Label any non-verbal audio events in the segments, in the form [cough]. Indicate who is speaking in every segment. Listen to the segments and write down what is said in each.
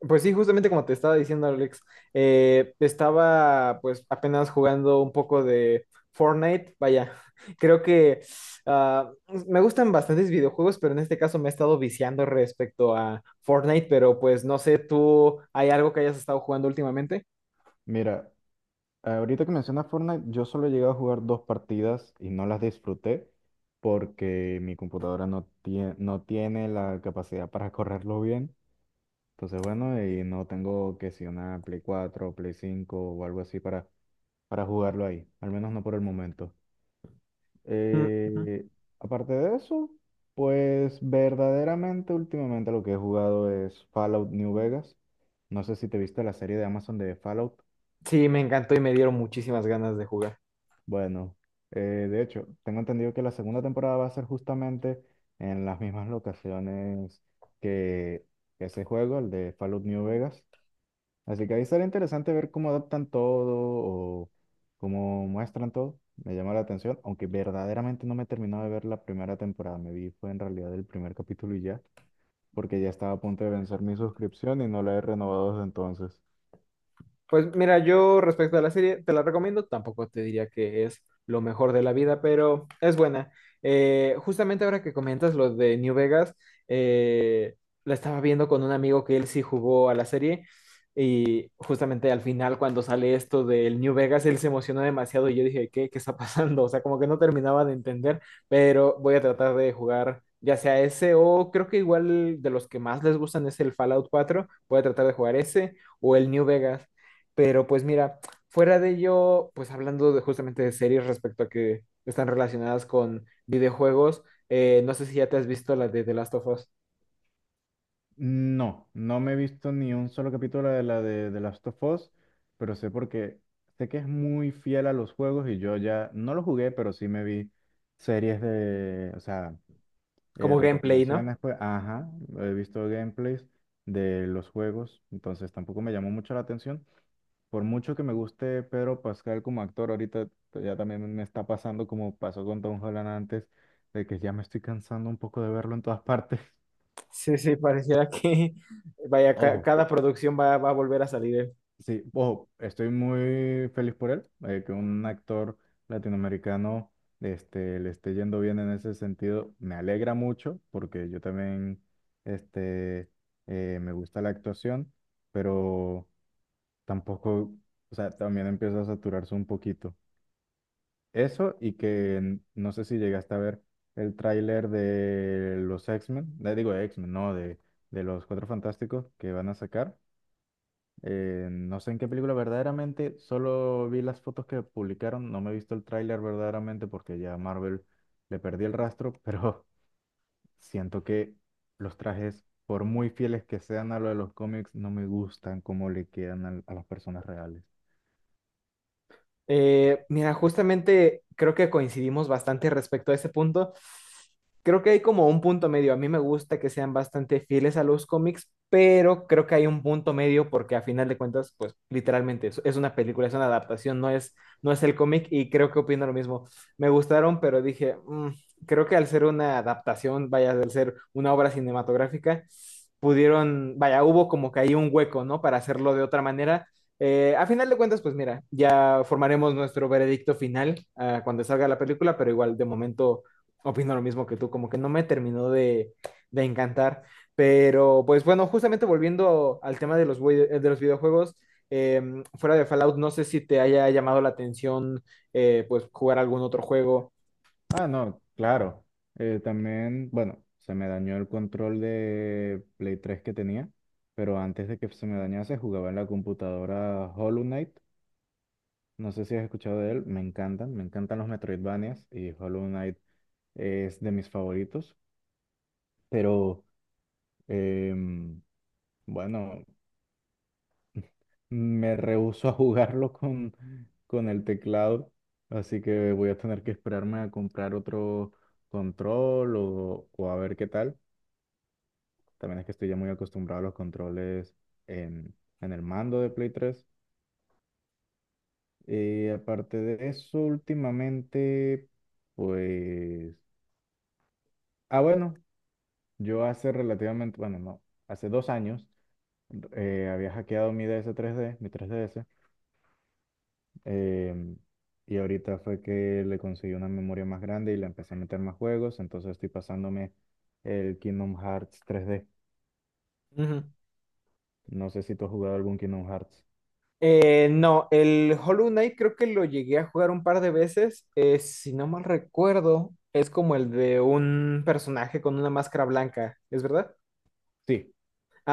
Speaker 1: Pues sí, justamente como te estaba diciendo, Alex, estaba pues apenas jugando un poco de Fortnite. Vaya, [laughs] creo que ah, me gustan bastantes videojuegos, pero en este caso me he estado viciando respecto a Fortnite, pero pues no sé, ¿tú hay algo que hayas estado jugando últimamente?
Speaker 2: Mira, ahorita que mencionas Fortnite, yo solo he llegado a jugar dos partidas y no las disfruté porque mi computadora no tiene la capacidad para correrlo bien. Entonces, bueno, y no tengo que si una Play 4, Play 5 o algo así para jugarlo ahí, al menos no por el momento.
Speaker 1: Mm, ujú.
Speaker 2: Eh, aparte de eso, pues verdaderamente últimamente lo que he jugado es Fallout New Vegas. No sé si te viste la serie de Amazon de Fallout.
Speaker 1: Sí, me encantó y me dieron muchísimas ganas de jugar.
Speaker 2: Bueno, de hecho, tengo entendido que la segunda temporada va a ser justamente en las mismas locaciones que ese juego, el de Fallout New Vegas. Así que ahí será interesante ver cómo adaptan todo o cómo muestran todo. Me llama la atención, aunque verdaderamente no me he terminado de ver la primera temporada. Me vi fue en realidad el primer capítulo y ya, porque ya estaba a punto de vencer mi suscripción y no la he renovado desde entonces.
Speaker 1: Pues mira, yo respecto a la serie, te la recomiendo, tampoco te diría que es lo mejor de la vida, pero es buena. Justamente ahora que comentas lo de New Vegas, eh, la estaba viendo con un amigo que él sí jugó a la serie y justamente al final cuando sale esto del New Vegas, él se emocionó demasiado y yo dije, ¿qué, qué está [laughs] pasando? O sea, como que no terminaba de entender, pero voy a tratar de jugar. Ya sea ese o creo que igual de los que más les gustan es el Fallout 4, voy a tratar de jugar ese o el New Vegas. Pero pues mira, fuera de ello, pues hablando de, justamente de series respecto a que están relacionadas con videojuegos, no sé si ya te has visto la de The Last of Us
Speaker 2: No, no me he visto ni un solo capítulo de Last of Us, pero sé porque sé que es muy fiel a los juegos y yo ya no lo jugué, pero sí me vi series de, o sea,
Speaker 1: como gameplay, ¿no?
Speaker 2: recopilaciones, pues, ajá, he visto gameplays de los juegos, entonces tampoco me llamó mucho la atención. Por mucho que me guste Pedro Pascal como actor, ahorita ya también me está pasando como pasó con Tom Holland antes, de que ya me estoy cansando un poco de verlo en todas [laughs] partes.
Speaker 1: Sí, sí, pareciera que [laughs] vaya,
Speaker 2: Ojo,
Speaker 1: cada producción va a volver a salir.
Speaker 2: sí, ojo, estoy muy feliz por él, que un actor latinoamericano le esté yendo bien en ese sentido. Me alegra mucho porque yo también este, me gusta la actuación, pero tampoco, o sea, también empieza a saturarse un poquito. Eso y que no sé si llegaste a ver el tráiler de los X-Men, digo X-Men, no, de los Cuatro Fantásticos que van a sacar. No sé en qué película verdaderamente, solo vi las fotos que publicaron, no me he visto el tráiler verdaderamente porque ya a Marvel le perdí el rastro, pero [laughs] siento que los trajes, por muy fieles que sean a lo de los cómics, no me gustan cómo le quedan a las personas reales.
Speaker 1: Mira, justamente creo que coincidimos bastante respecto a ese punto. Creo que hay como un punto medio. A mí me gusta que sean bastante fieles a los cómics, pero creo que hay un punto medio porque a final de cuentas, pues literalmente es una película, es una adaptación, no es el cómic y creo que opino lo mismo. Me gustaron, pero dije, "Mm, creo que al ser una adaptación, vaya, al ser una obra cinematográfica, pudieron, vaya, hubo como que ahí un hueco, ¿no? Para hacerlo de otra manera. A final de cuentas, pues mira, ya formaremos nuestro veredicto final cuando salga la película, pero igual de momento opino lo mismo que tú, como que no me terminó de encantar. Pero pues bueno, justamente volviendo al tema de los, de los videojuegos, eh, fuera de Fallout, no sé si te haya llamado la atención, pues jugar algún otro juego.
Speaker 2: Ah, no, claro. También, bueno, se me dañó el control de Play 3 que tenía, pero antes de que se me dañase jugaba en la computadora Hollow Knight. No sé si has escuchado de él, me encantan los Metroidvanias y Hollow Knight es de mis favoritos, pero em, bueno, me rehúso a jugarlo con el teclado, así que voy a tener que esperarme a comprar otro control o a ver qué tal. También es que estoy ya muy acostumbrado a los controles en, en el mando de Play 3. Y aparte de eso, últimamente, pues. Ah, bueno, yo hace relativamente, bueno, no, hace 2 años había hackeado mi DS tres d mi 3DS, em, y ahorita fue que le conseguí una memoria más grande y le empecé a meter más juegos, entonces estoy pasándome el Kingdom Hearts 3D.
Speaker 1: Ujú.
Speaker 2: No sé si tú has jugado algún Kingdom Hearts.
Speaker 1: No, el Hollow Knight creo que lo llegué a jugar un par de veces. Si no mal recuerdo, es como el de un personaje con una máscara blanca, ¿es verdad?
Speaker 2: Sí,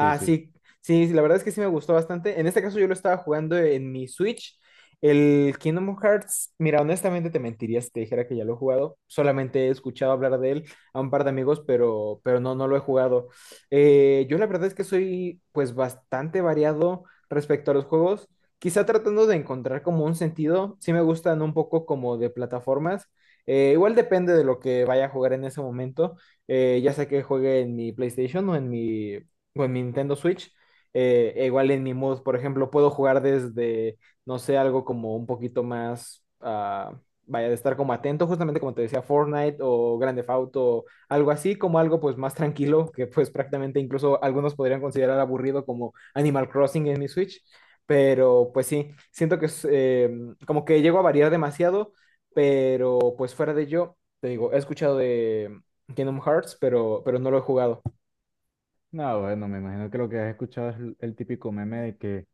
Speaker 2: sí, sí.
Speaker 1: sí, sí, la verdad es que sí me gustó bastante. En este caso yo lo estaba jugando en mi Switch. El Kingdom Hearts, mira, honestamente te mentiría si te dijera que ya lo he jugado. Solamente he escuchado hablar de él a un par de amigos, pero no, no lo he jugado. Yo la verdad es que soy pues bastante variado respecto a los juegos. Quizá tratando de encontrar como un sentido. Sí me gustan un poco como de plataformas. Igual depende de lo que vaya a jugar en ese momento, ya sea que juegue en mi PlayStation o en mi Nintendo Switch. E igual en mi mood, por ejemplo, puedo jugar desde, no sé, algo como un poquito más, vaya, de estar como atento, justamente como te decía, Fortnite o Grand Theft Auto, algo así, como algo pues más tranquilo, que pues prácticamente incluso algunos podrían considerar aburrido como Animal Crossing en mi Switch, pero pues sí, siento que es como que llego a variar demasiado, pero pues fuera de ello, te digo, he escuchado de Kingdom Hearts, pero no lo he jugado.
Speaker 2: No, bueno, me imagino que lo que has escuchado es el típico meme de que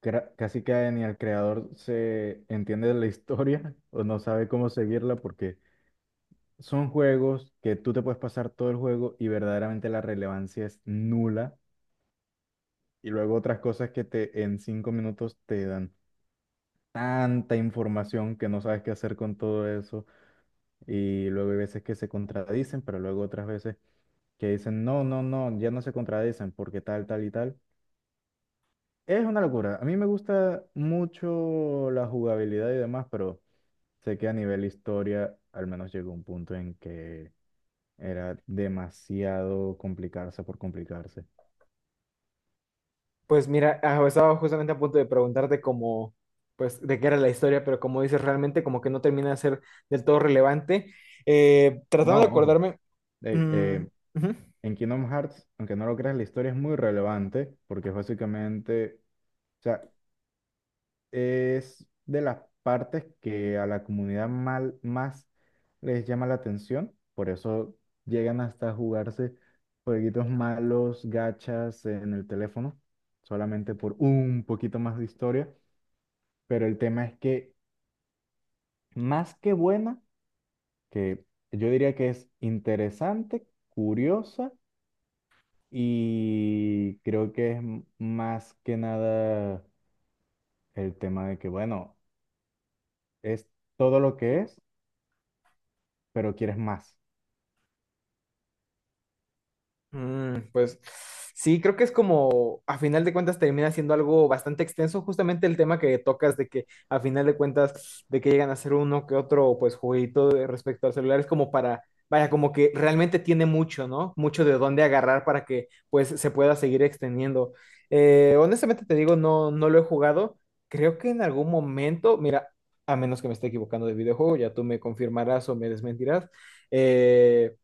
Speaker 2: casi que ni el creador se entiende de la historia [laughs] o no sabe cómo seguirla porque son juegos que tú te puedes pasar todo el juego y verdaderamente la relevancia es nula. Y luego otras cosas que te en 5 minutos te dan tanta información que no sabes qué hacer con todo eso. Y luego hay veces que se contradicen, pero luego otras veces que dicen, no, no, no, ya no se contradicen porque tal, tal y tal. Es una locura. A mí me gusta mucho la jugabilidad y demás, pero sé que a nivel historia al menos llegó un punto en que era demasiado complicarse por complicarse.
Speaker 1: Pues mira, estaba justamente a punto de preguntarte cómo, pues, de qué era la historia, pero como dices, realmente como que no termina de ser del todo relevante. Tratando de
Speaker 2: No, ojo.
Speaker 1: acordarme,
Speaker 2: Ey,
Speaker 1: mm, ujú.
Speaker 2: en Kingdom Hearts, aunque no lo creas, la historia es muy relevante porque es básicamente, o sea, es de las partes que a la comunidad más les llama la atención. Por eso llegan hasta jugarse jueguitos malos, gachas en el teléfono, solamente por un poquito más de historia. Pero el tema es que más que buena, que yo diría que es interesante, curiosa y creo que es más que nada el tema de que, bueno, es todo lo que es, pero quieres más.
Speaker 1: Mm, pues sí, creo que es como, a final de cuentas, termina siendo algo bastante extenso, justamente el tema que tocas de que, a final de cuentas, de que llegan a ser uno que otro, pues, jueguito respecto al celular, es como para, vaya, como que realmente tiene mucho, ¿no? Mucho de dónde agarrar para que, pues, se pueda seguir extendiendo. Honestamente te digo, no, no lo he jugado. Creo que en algún momento, mira, a menos que me esté equivocando de videojuego, ya tú me confirmarás o me desmentirás. eh,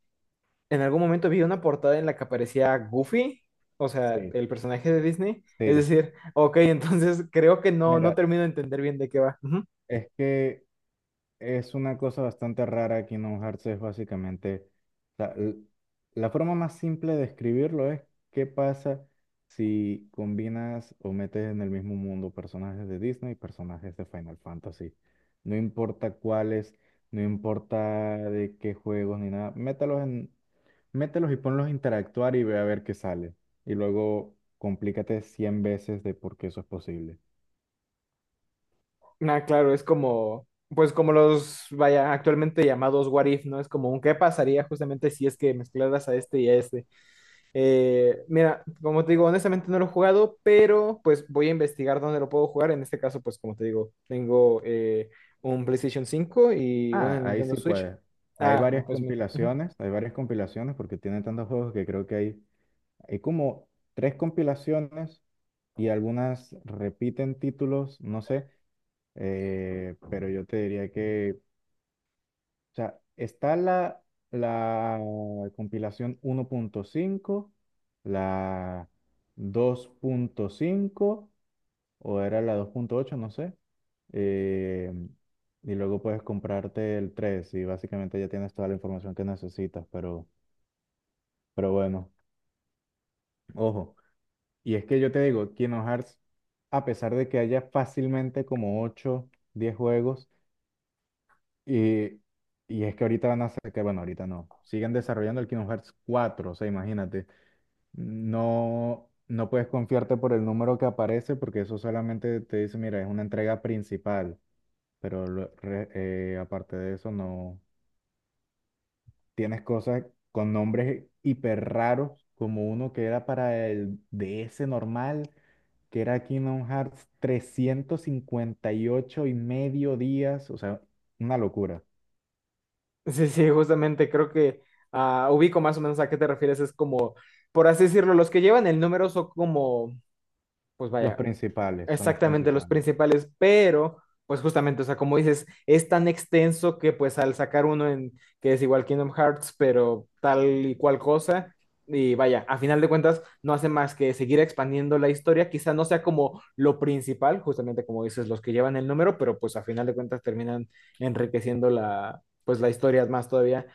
Speaker 1: en algún momento vi una portada en la que aparecía Goofy, o sea,
Speaker 2: Sí,
Speaker 1: el personaje de Disney. Es
Speaker 2: sí.
Speaker 1: decir, ok, [laughs] entonces creo que no, no
Speaker 2: Mira,
Speaker 1: termino de entender bien de qué va. Ujú.
Speaker 2: es que es una cosa bastante rara Kingdom Hearts, es básicamente, o l- la forma más simple de escribirlo es qué pasa si combinas o metes en el mismo mundo personajes de Disney y personajes de Final Fantasy. No importa cuáles, no importa de qué juegos ni nada, mételos y ponlos a interactuar y ve a ver qué sale. Y luego complícate 100 veces de por qué eso es posible.
Speaker 1: Ah, claro, es como, pues como los, vaya, actualmente llamados What If, ¿no? Es como un qué pasaría justamente si es que mezclaras a este y a este. Mira, como te digo, honestamente no lo he jugado, pero pues voy a investigar dónde lo puedo jugar. En este caso, pues como te digo, tengo un PlayStation 5 y una
Speaker 2: Ah, ahí
Speaker 1: Nintendo
Speaker 2: sí
Speaker 1: Switch.
Speaker 2: puede.
Speaker 1: Ah, pues mira. Ujú.
Speaker 2: Hay varias compilaciones porque tiene tantos juegos que creo que hay, como tres compilaciones y algunas repiten títulos, no sé, pero yo te diría que, o sea, está la compilación 1.5, la 2.5 o era la 2.8, no sé. eh, y luego puedes comprarte el 3 y básicamente ya tienes toda la información que necesitas, pero bueno, ojo. Y es que yo te digo, Kingdom Hearts, a pesar de que haya fácilmente como 8 10 juegos, y, y es que ahorita van a sacar, bueno, ahorita no, siguen desarrollando el Kingdom Hearts 4, o sea, imagínate, no, no puedes confiarte por el número que aparece porque eso solamente te dice, mira, es una entrega principal. Pero aparte de eso, no. Tienes cosas con nombres hiper raros, como uno que era para el DS normal, que era Kingdom Hearts 358 y ocho y medio días, o sea, una locura.
Speaker 1: Sí, sí, justamente creo que ubico más o menos a qué te refieres. Es como, por así decirlo, los que llevan el número son como, pues
Speaker 2: Los
Speaker 1: vaya.
Speaker 2: principales, son los
Speaker 1: Exactamente, los
Speaker 2: principales.
Speaker 1: principales, pero pues justamente, o sea, como dices, es tan extenso que pues al sacar uno en que es igual Kingdom Hearts, pero tal y cual cosa, y vaya, a final de cuentas no hace más que seguir expandiendo la historia, quizá no sea como lo principal, justamente como dices, los que llevan el número, pero pues a final de cuentas terminan enriqueciendo la, pues la historia más todavía.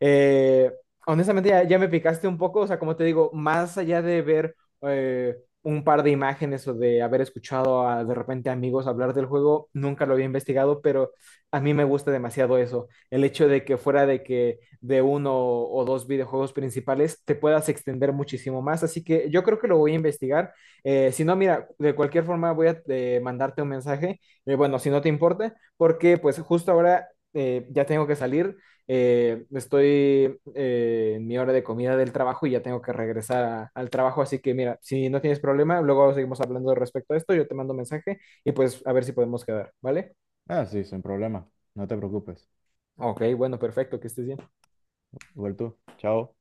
Speaker 1: Eh, Honestamente ya me picaste un poco, o sea, como te digo, más allá de ver... Eh, un par de imágenes o de haber escuchado a, de repente amigos hablar del juego, nunca lo había investigado, pero a mí me gusta demasiado eso, el hecho de que fuera de que de uno o dos videojuegos principales te puedas extender muchísimo más, así que yo creo que lo voy a investigar. Si no, mira, de cualquier forma voy a mandarte un mensaje. Bueno, si no te importa, porque pues justo ahora ya tengo que salir, estoy en mi hora de comida del trabajo y ya tengo que regresar al trabajo, así que mira, si no tienes problema, luego seguimos hablando respecto a esto, yo te mando mensaje y pues a ver si podemos quedar, ¿vale?
Speaker 2: Ah, sí, sin problema, no te preocupes.
Speaker 1: Ok, bueno, perfecto, que estés bien.
Speaker 2: Igual tú, chao.